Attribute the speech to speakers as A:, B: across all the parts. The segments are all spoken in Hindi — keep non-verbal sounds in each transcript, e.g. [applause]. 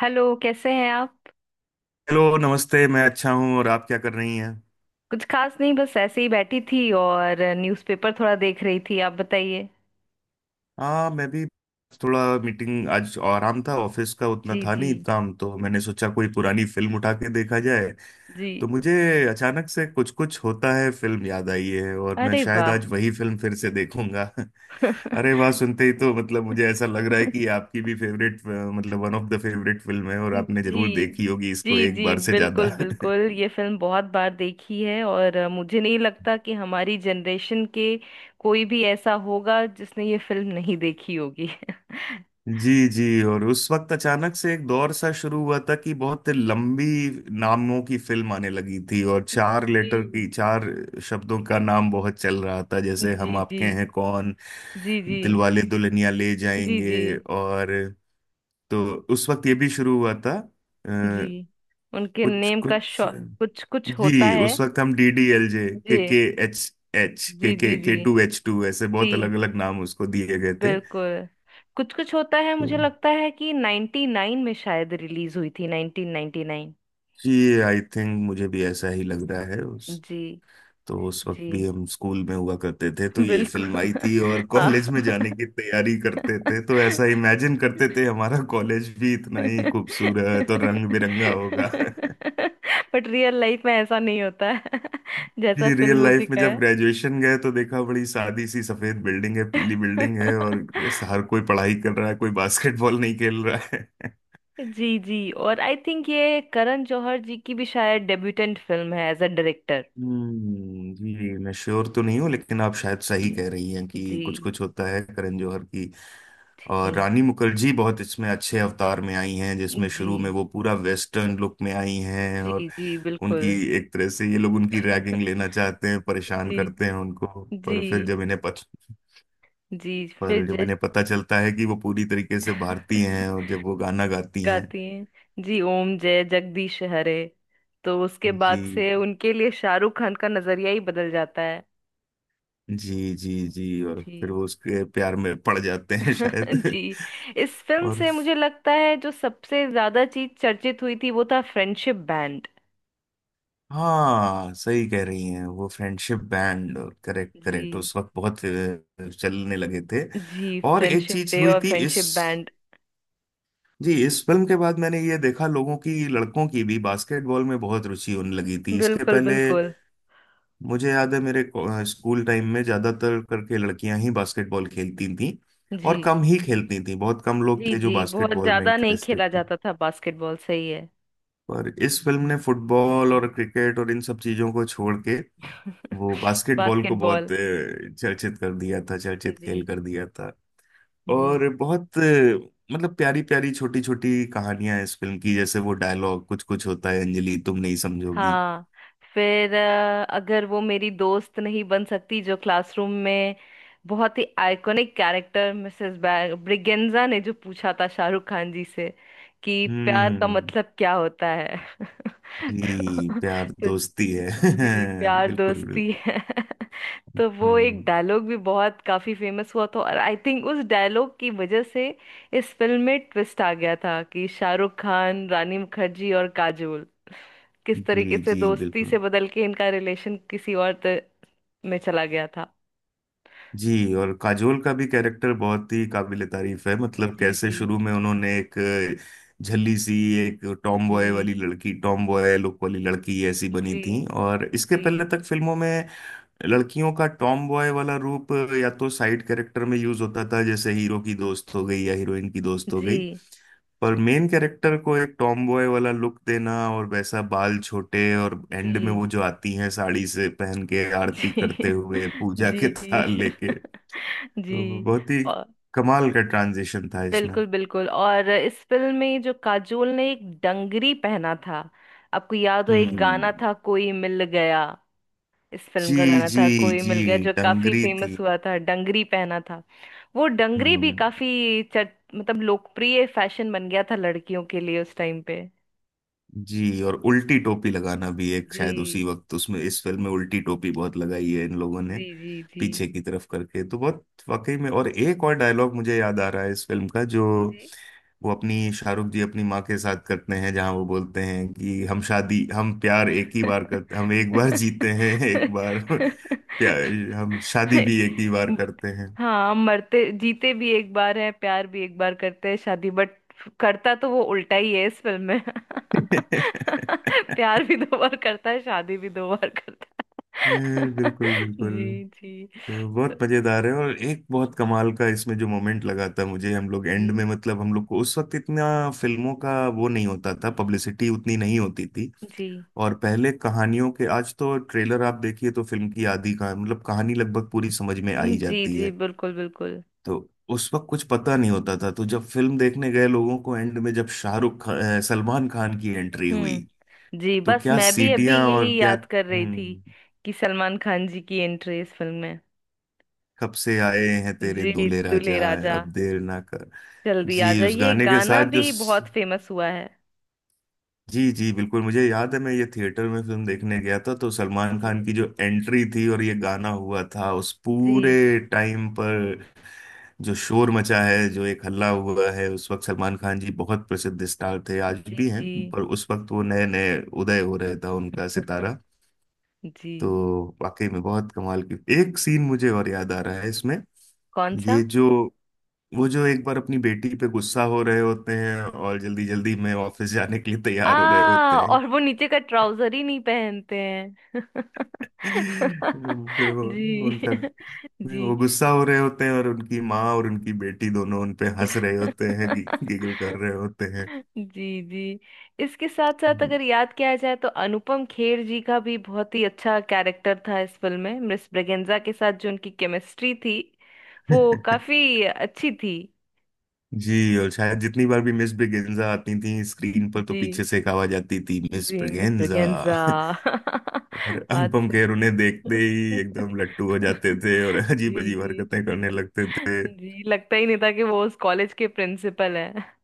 A: हेलो, कैसे हैं आप।
B: हेलो नमस्ते। मैं अच्छा हूँ और आप क्या कर रही हैं?
A: कुछ खास नहीं, बस ऐसे ही बैठी थी और न्यूज़पेपर थोड़ा देख रही थी। आप बताइए।
B: हाँ, मैं भी। थोड़ा मीटिंग, आज आराम था, ऑफिस का उतना
A: जी
B: था
A: जी
B: नहीं काम, तो मैंने सोचा कोई पुरानी फिल्म उठा के देखा जाए।
A: जी।
B: तो मुझे अचानक से कुछ कुछ होता है फिल्म याद आई है और मैं
A: अरे
B: शायद
A: वाह।
B: आज वही फिल्म फिर से देखूंगा।
A: [laughs]
B: [laughs] अरे वाह! सुनते ही तो मतलब मुझे ऐसा लग रहा है कि आपकी भी फेवरेट, मतलब one of the favourite film है, और आपने जरूर
A: जी
B: देखी होगी इसको
A: जी
B: एक
A: जी।
B: बार से
A: बिल्कुल
B: ज्यादा। [laughs]
A: बिल्कुल, ये फिल्म बहुत बार देखी है और मुझे नहीं लगता कि हमारी जनरेशन के कोई भी ऐसा होगा जिसने ये फिल्म नहीं देखी होगी। [laughs]
B: जी जी। और उस वक्त अचानक से एक दौर सा शुरू हुआ था कि बहुत लंबी नामों की फिल्म आने लगी थी और चार लेटर
A: जी
B: की, चार शब्दों का नाम बहुत चल रहा था, जैसे
A: जी
B: हम
A: जी
B: आपके हैं कौन,
A: जी। जी
B: दिलवाले दुल्हनिया ले
A: जी जी
B: जाएंगे। और तो उस वक्त ये भी शुरू हुआ था, आ,
A: जी। उनके
B: कुछ
A: नेम का
B: कुछ।
A: शौ। कुछ कुछ होता
B: जी,
A: है।
B: उस वक्त हम DDLJ,
A: जी
B: के एच, एच
A: जी जी G.
B: K two H two, ऐसे बहुत
A: जी
B: अलग अलग नाम उसको दिए गए थे।
A: बिल्कुल। कुछ कुछ होता है,
B: तो
A: मुझे लगता है कि 99 में शायद रिलीज हुई थी, 1999।
B: जी, आई थिंक मुझे भी ऐसा ही लग रहा है। उस
A: जी
B: तो उस वक्त भी
A: जी।
B: हम स्कूल में हुआ करते थे,
A: [laughs]
B: तो ये फिल्म
A: बिल्कुल।
B: आई थी और
A: [laughs] हाँ।
B: कॉलेज में जाने की तैयारी करते थे, तो ऐसा इमेजिन करते थे हमारा कॉलेज भी इतना ही
A: [laughs]
B: खूबसूरत और रंग बिरंगा होगा। [laughs]
A: बट रियल लाइफ में ऐसा नहीं होता है, [laughs] जैसा
B: जी,
A: फिल्म
B: रियल
A: में
B: लाइफ में जब
A: दिखाया।
B: ग्रेजुएशन गए तो देखा बड़ी सादी सी सफेद बिल्डिंग है, पीली बिल्डिंग है, और हर
A: [laughs]
B: कोई पढ़ाई कर रहा है, कोई बास्केटबॉल नहीं खेल रहा है। [laughs]
A: जी जी। और आई थिंक ये करण जौहर जी की भी शायद डेब्यूटेंट फिल्म है एज अ डायरेक्टर।
B: हम्म, जी मैं श्योर तो नहीं हूँ लेकिन आप शायद सही
A: जी
B: कह रही हैं कि
A: जी।
B: कुछ कुछ होता है करण जौहर की। और
A: ठीक।
B: रानी मुखर्जी बहुत इसमें अच्छे अवतार में आई हैं, जिसमें
A: जी
B: शुरू में वो पूरा वेस्टर्न लुक में आई हैं, और
A: जी जी बिल्कुल।
B: उनकी एक तरह से ये लोग उनकी रैगिंग लेना चाहते हैं, परेशान
A: जी
B: करते हैं उनको।
A: जी
B: पर फिर जब इन्हें पत,
A: जी। फिर
B: पर जब
A: जय।
B: इन्हें पता चलता है कि वो पूरी तरीके से भारतीय
A: [laughs]
B: हैं, और जब वो गाना गाती हैं।
A: गाती हैं। जी, ओम जय जगदीश हरे। तो उसके बाद
B: जी
A: से उनके लिए शाहरुख खान का नजरिया ही बदल जाता है।
B: जी जी जी। और फिर
A: जी।
B: वो उसके प्यार में पड़ जाते हैं
A: [laughs]
B: शायद।
A: जी। इस
B: [laughs]
A: फिल्म
B: और
A: से मुझे लगता है जो सबसे ज्यादा चीज चर्चित हुई थी वो था फ्रेंडशिप बैंड।
B: हाँ, सही कह रही हैं, वो फ्रेंडशिप बैंड। करेक्ट करेक्ट,
A: जी।
B: उस वक्त बहुत चलने लगे थे।
A: जी,
B: और एक
A: फ्रेंडशिप
B: चीज
A: डे
B: हुई
A: और
B: थी इस
A: फ्रेंडशिप बैंड।
B: जी, इस फिल्म के बाद मैंने ये देखा लोगों की, लड़कों की भी बास्केटबॉल में बहुत रुचि होने लगी थी। इसके
A: बिल्कुल
B: पहले
A: बिल्कुल।
B: मुझे याद है, स्कूल टाइम में ज्यादातर करके लड़कियां ही बास्केटबॉल खेलती थी,
A: जी
B: और कम ही खेलती थी, बहुत कम लोग
A: जी।
B: थे जो
A: जी, बहुत
B: बास्केटबॉल में
A: ज्यादा नहीं
B: इंटरेस्टेड
A: खेला
B: थे।
A: जाता था बास्केटबॉल, सही है।
B: पर इस फिल्म ने फुटबॉल और क्रिकेट और इन सब चीजों को छोड़ के, वो बास्केटबॉल को बहुत
A: बास्केटबॉल।
B: चर्चित कर दिया था, चर्चित
A: जी
B: खेल कर दिया था।
A: जी।
B: और बहुत मतलब प्यारी प्यारी छोटी छोटी कहानियां इस फिल्म की, जैसे वो डायलॉग, कुछ कुछ होता है अंजलि, तुम नहीं समझोगी।
A: हाँ। फिर अगर वो मेरी दोस्त नहीं बन सकती जो क्लासरूम में। बहुत ही आइकॉनिक कैरेक्टर मिसेस ब्रिगेंजा ने जो पूछा था शाहरुख खान जी से कि प्यार का
B: हम्म।
A: मतलब क्या होता है। [laughs]
B: जी, प्यार
A: तो।
B: दोस्ती है।
A: जी,
B: [laughs]
A: प्यार
B: बिल्कुल बिल्कुल।
A: दोस्ती है। [laughs] तो वो एक
B: हम्म।
A: डायलॉग भी बहुत काफी फेमस हुआ था और आई थिंक उस डायलॉग की वजह से इस फिल्म में ट्विस्ट आ गया था कि शाहरुख खान, रानी मुखर्जी और काजोल किस
B: जी
A: तरीके से
B: जी
A: दोस्ती से
B: बिल्कुल।
A: बदल के इनका रिलेशन किसी और में चला गया था।
B: जी, और काजोल का भी कैरेक्टर बहुत ही काबिले तारीफ है, मतलब
A: जी
B: कैसे
A: जी
B: शुरू में उन्होंने एक झल्ली सी, एक टॉम बॉय
A: जी
B: वाली लड़की, टॉम बॉय लुक वाली लड़की ऐसी
A: जी।
B: बनी
A: जी
B: थी। और इसके पहले तक फिल्मों में लड़कियों का टॉम बॉय वाला रूप या तो साइड कैरेक्टर में यूज होता था, जैसे हीरो की दोस्त हो गई या हीरोइन की
A: जी
B: दोस्त हो
A: जी
B: गई। पर मेन कैरेक्टर को एक टॉम बॉय वाला लुक देना, और वैसा बाल छोटे, और एंड में
A: जी।
B: वो जो आती हैं साड़ी से पहन के, आरती करते
A: [laughs]
B: हुए पूजा के
A: जी
B: [laughs]
A: जी।
B: थाल लेके,
A: [laughs]
B: तो
A: जी
B: बहुत ही कमाल का ट्रांजिशन था इसमें।
A: बिल्कुल बिल्कुल। और इस फिल्म में जो काजोल ने एक डंगरी पहना था, आपको याद हो, एक गाना
B: हम्म।
A: था कोई मिल गया। इस फिल्म
B: जी
A: का गाना
B: जी।
A: था कोई
B: जी,
A: मिल गया जो काफी
B: डंगरी थी।
A: फेमस हुआ था, डंगरी पहना था। वो डंगरी भी
B: हम्म।
A: काफी चट मतलब लोकप्रिय फैशन बन गया था लड़कियों के लिए उस टाइम पे।
B: जी, और उल्टी टोपी लगाना भी एक शायद उसी
A: जी
B: वक्त, उसमें इस फिल्म में उल्टी टोपी बहुत लगाई है इन लोगों ने
A: जी जी जी
B: पीछे की तरफ करके, तो बहुत वाकई में। और एक और डायलॉग मुझे याद आ रहा है इस फिल्म का, जो
A: जी।
B: वो अपनी, शाहरुख जी अपनी माँ के साथ करते हैं, जहाँ वो बोलते हैं कि हम शादी, हम प्यार एक ही बार करते, हम एक बार जीते हैं [laughs] एक बार प्यार,
A: [laughs]
B: हम शादी भी एक ही बार करते हैं।
A: हाँ, मरते जीते भी एक बार है, प्यार भी एक बार करते हैं शादी, बट करता तो वो उल्टा ही है इस फिल्म में।
B: [laughs]
A: [laughs] प्यार भी दो बार करता है, शादी भी दो बार करता है।
B: बिल्कुल
A: [laughs]
B: बिल्कुल।
A: जी जी।
B: तो
A: तो
B: बहुत मजेदार है। और एक बहुत कमाल का इसमें जो मोमेंट लगा था मुझे, हम लोग
A: जी
B: एंड में, मतलब हम लोग को उस वक्त इतना फिल्मों का वो नहीं होता था, पब्लिसिटी उतनी नहीं होती थी।
A: जी
B: और पहले कहानियों के, आज तो ट्रेलर आप देखिए तो फिल्म की आधी का मतलब कहानी लगभग पूरी समझ में आ ही
A: जी
B: जाती
A: जी
B: है।
A: बिल्कुल बिल्कुल।
B: तो उस वक्त कुछ पता नहीं होता था, तो जब फिल्म देखने गए लोगों को एंड में जब सलमान खान की एंट्री हुई,
A: हम्म, जी,
B: तो
A: बस
B: क्या
A: मैं भी अभी
B: सीटियां
A: यही
B: और क्या!
A: याद कर रही थी
B: हम्म।
A: कि सलमान खान जी की एंट्री इस फिल्म में।
B: कब से आए हैं तेरे
A: जी,
B: दूल्हे
A: दुल्हे
B: राजा,
A: राजा।
B: अब देर ना कर।
A: जल्दी आ
B: जी, उस
A: जाइए,
B: गाने के
A: गाना
B: साथ जो,
A: भी बहुत फेमस हुआ है।
B: जी जी बिल्कुल, मुझे याद है, मैं ये थिएटर में फिल्म देखने गया था, तो सलमान
A: जी
B: खान की जो एंट्री थी और ये गाना हुआ था उस पूरे
A: जी
B: टाइम पर, जो शोर मचा है, जो एक हल्ला हुआ है, उस वक्त सलमान खान जी बहुत प्रसिद्ध स्टार थे, आज
A: जी
B: भी हैं,
A: जी
B: पर उस वक्त वो नए नए उदय हो रहा था उनका सितारा।
A: जी।
B: तो वाकई में बहुत कमाल की एक सीन मुझे और याद आ रहा है इसमें,
A: कौन सा।
B: ये जो वो जो एक बार अपनी बेटी पे गुस्सा हो रहे होते हैं और जल्दी जल्दी में ऑफिस जाने के लिए
A: आ,
B: तैयार हो रहे होते हैं,
A: और वो नीचे का ट्राउजर ही नहीं पहनते हैं।
B: फिर
A: [laughs]
B: वो
A: जी
B: उनका नहीं,
A: जी
B: वो गुस्सा हो रहे होते हैं और उनकी माँ और उनकी बेटी दोनों उन पे हंस रहे होते हैं, गिगल कर रहे होते हैं।
A: जी जी। इसके साथ साथ अगर याद किया जाए तो अनुपम खेर जी का भी बहुत ही अच्छा कैरेक्टर था इस फिल्म में। मिस ब्रेगेंजा के साथ जो उनकी केमिस्ट्री थी, वो
B: [laughs]
A: काफी अच्छी थी।
B: जी, और शायद जितनी बार भी मिस ब्रिगेंजा आती थी स्क्रीन पर, तो
A: जी
B: पीछे से एक आवाज आती थी, मिस
A: जी, मिस
B: ब्रिगेंजा।
A: ब्रेगेंजा।
B: [laughs] और
A: [laughs] बात
B: अनुपम खेर
A: सही।
B: उन्हें देखते
A: [laughs]
B: ही एकदम लट्टू हो जाते थे और अजीब
A: जी
B: अजीब हरकतें
A: जी।
B: करने लगते थे।
A: जी, लगता ही नहीं था कि वो उस कॉलेज के प्रिंसिपल है।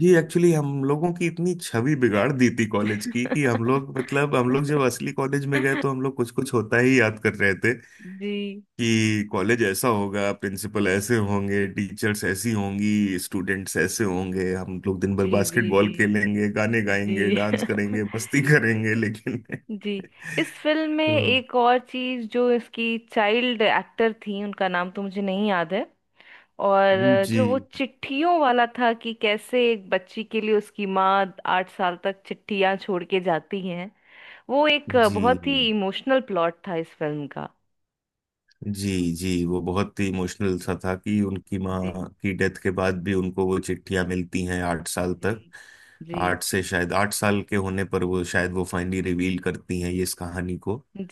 B: जी, एक्चुअली हम लोगों की इतनी छवि बिगाड़ दी थी कॉलेज की, कि हम
A: [laughs]
B: लोग, मतलब हम लोग जब असली कॉलेज में गए तो हम लोग कुछ कुछ होता ही याद कर रहे थे,
A: जी
B: कि कॉलेज ऐसा होगा, प्रिंसिपल ऐसे होंगे, टीचर्स ऐसी होंगी, स्टूडेंट्स ऐसे होंगे, हम लोग दिन भर
A: जी जी जी
B: बास्केटबॉल खेलेंगे, गाने गाएंगे,
A: जी।
B: डांस करेंगे,
A: [laughs]
B: मस्ती करेंगे, लेकिन।
A: जी। इस फिल्म में
B: [laughs] तो
A: एक और चीज जो इसकी चाइल्ड एक्टर थी, उनका नाम तो मुझे नहीं याद है। और जो वो
B: जी
A: चिट्ठियों वाला था कि कैसे एक बच्ची के लिए उसकी माँ 8 साल तक चिट्ठियां छोड़ के जाती हैं। वो एक
B: जी
A: बहुत ही इमोशनल प्लॉट था इस फिल्म का।
B: जी। जी, वो बहुत ही इमोशनल सा था कि उनकी
A: जी
B: माँ की डेथ के बाद भी उनको वो चिट्ठियां मिलती हैं 8 साल
A: जी
B: तक।
A: जी
B: आठ से शायद 8 साल के होने पर वो शायद वो फाइनली रिवील करती हैं ये, इस कहानी को,
A: जी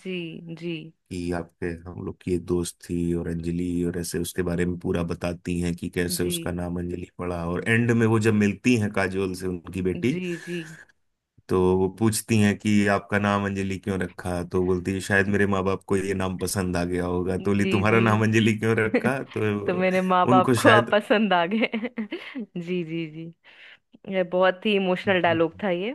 A: जी जी
B: कि आपके, हम लोग की एक दोस्त थी और अंजलि, और ऐसे उसके बारे में पूरा बताती हैं कि कैसे उसका नाम अंजलि पड़ा। और एंड में वो जब मिलती हैं काजोल से, उनकी बेटी,
A: जी जी
B: तो वो पूछती हैं कि आपका नाम अंजलि क्यों रखा, तो बोलती है शायद मेरे माँ बाप को ये नाम पसंद आ गया होगा, तो बोली
A: जी जी।
B: तुम्हारा नाम अंजलि क्यों
A: [laughs]
B: रखा, तो
A: तो मेरे माँ बाप
B: उनको
A: को आप
B: शायद।
A: पसंद आ गए। [laughs] जी जी जी। ये बहुत ही इमोशनल डायलॉग था ये।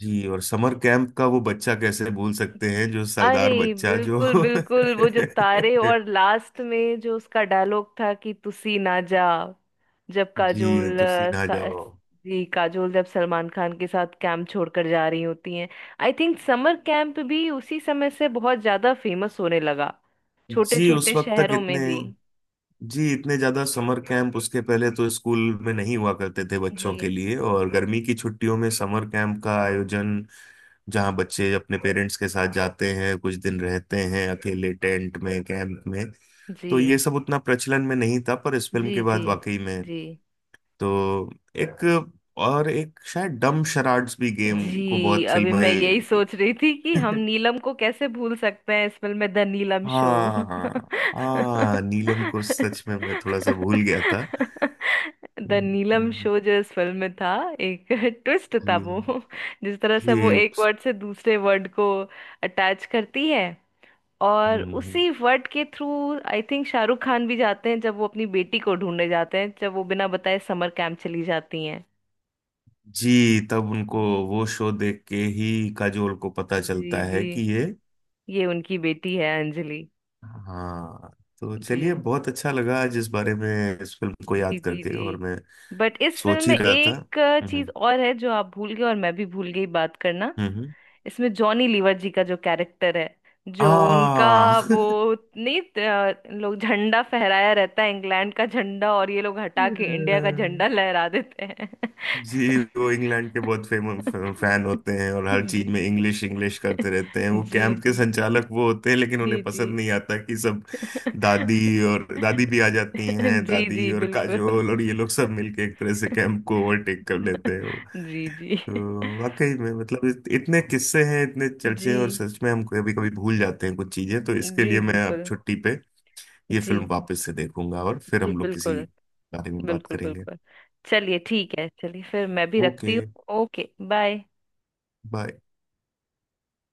B: जी, और समर कैंप का वो बच्चा कैसे भूल सकते हैं, जो
A: अरे
B: सरदार बच्चा जो।
A: बिल्कुल बिल्कुल,
B: [laughs]
A: वो जो तारे और लास्ट में जो उसका डायलॉग था कि तुसी ना जा। जब
B: जी,
A: काजोल
B: तो सीधा जाओ।
A: जी, काजोल जब सलमान खान के साथ कैंप छोड़कर जा रही होती हैं। आई थिंक समर कैंप भी उसी समय से बहुत ज्यादा फेमस होने लगा, छोटे
B: जी, उस
A: छोटे
B: वक्त तक
A: शहरों में
B: इतने,
A: भी।
B: जी, इतने ज्यादा समर कैंप उसके पहले तो स्कूल में नहीं हुआ करते थे बच्चों के
A: जी
B: लिए, और गर्मी की छुट्टियों में समर कैंप का आयोजन, जहां बच्चे अपने पेरेंट्स के साथ जाते हैं, कुछ दिन रहते हैं अकेले टेंट में, कैंप में, तो
A: जी
B: ये सब उतना प्रचलन में नहीं था, पर इस फिल्म
A: जी
B: के
A: जी
B: बाद वाकई में।
A: जी
B: तो एक, और एक शायद डम शराड्स भी गेम को
A: जी।
B: बहुत
A: अभी मैं
B: फिल्माई।
A: यही सोच रही थी कि हम
B: [laughs]
A: नीलम को कैसे भूल सकते हैं इस फिल्म में, द नीलम शो।
B: हाँ
A: [laughs]
B: हाँ हाँ, नीलम को सच में मैं थोड़ा सा भूल गया था।
A: द नीलम शो जो इस फिल्म में था, एक [laughs] ट्विस्ट था
B: जी
A: वो, जिस तरह से वो
B: जी।
A: एक वर्ड से दूसरे वर्ड को अटैच करती है। और
B: हम्म,
A: उसी वर्ड के through I think Shahrukh Khan भी जाते हैं जब वो अपनी बेटी को ढूंढने जाते हैं, जब वो बिना बताए समर कैंप चली जाती हैं।
B: जी, तब उनको वो शो देख के ही काजोल को पता
A: जी
B: चलता
A: जी,
B: है कि ये,
A: ये उनकी बेटी है अंजलि।
B: हाँ। तो
A: जी
B: चलिए, बहुत अच्छा लगा आज इस बारे में, इस फिल्म को
A: जी
B: याद
A: जी
B: करके,
A: जी।
B: और मैं
A: बट इस फिल्म
B: सोच ही
A: में
B: रहा था।
A: एक चीज
B: हम्म
A: और है जो आप भूल गए और मैं भी भूल गई बात करना।
B: हम्म हम्म।
A: इसमें जॉनी लीवर जी का जो कैरेक्टर है, जो उनका
B: आ
A: वो नहीं, लोग झंडा फहराया रहता है इंग्लैंड का झंडा और ये लोग हटा
B: [laughs]
A: के इंडिया का
B: अ,
A: झंडा लहरा देते हैं।
B: जी, वो इंग्लैंड के बहुत फेमस फैन होते हैं और
A: [laughs]
B: हर चीज
A: जी
B: में इंग्लिश इंग्लिश करते रहते हैं, वो
A: जी
B: कैंप के
A: जी
B: संचालक वो होते हैं, लेकिन
A: जी
B: उन्हें
A: जी।
B: पसंद नहीं आता कि सब। दादी, और दादी भी आ जाती
A: [laughs]
B: हैं,
A: जी
B: दादी
A: जी
B: और
A: बिल्कुल।
B: काजोल और ये लोग सब मिलके एक तरह से
A: [laughs]
B: कैंप को ओवरटेक कर लेते हैं वो।
A: जी जी
B: तो वाकई में मतलब इतने किस्से हैं, इतने चर्चे
A: जी
B: हैं, और सच में हम कभी कभी भूल जाते हैं कुछ चीजें, तो इसके
A: जी
B: लिए मैं अब
A: बिल्कुल।
B: छुट्टी पे ये
A: जी
B: फिल्म वापस से देखूंगा, और फिर
A: जी
B: हम लोग किसी
A: बिल्कुल
B: बारे में बात
A: बिल्कुल
B: करेंगे।
A: बिल्कुल। चलिए, ठीक है, चलिए, फिर मैं भी
B: ओके।
A: रखती हूँ। ओके। बाय।
B: बाय।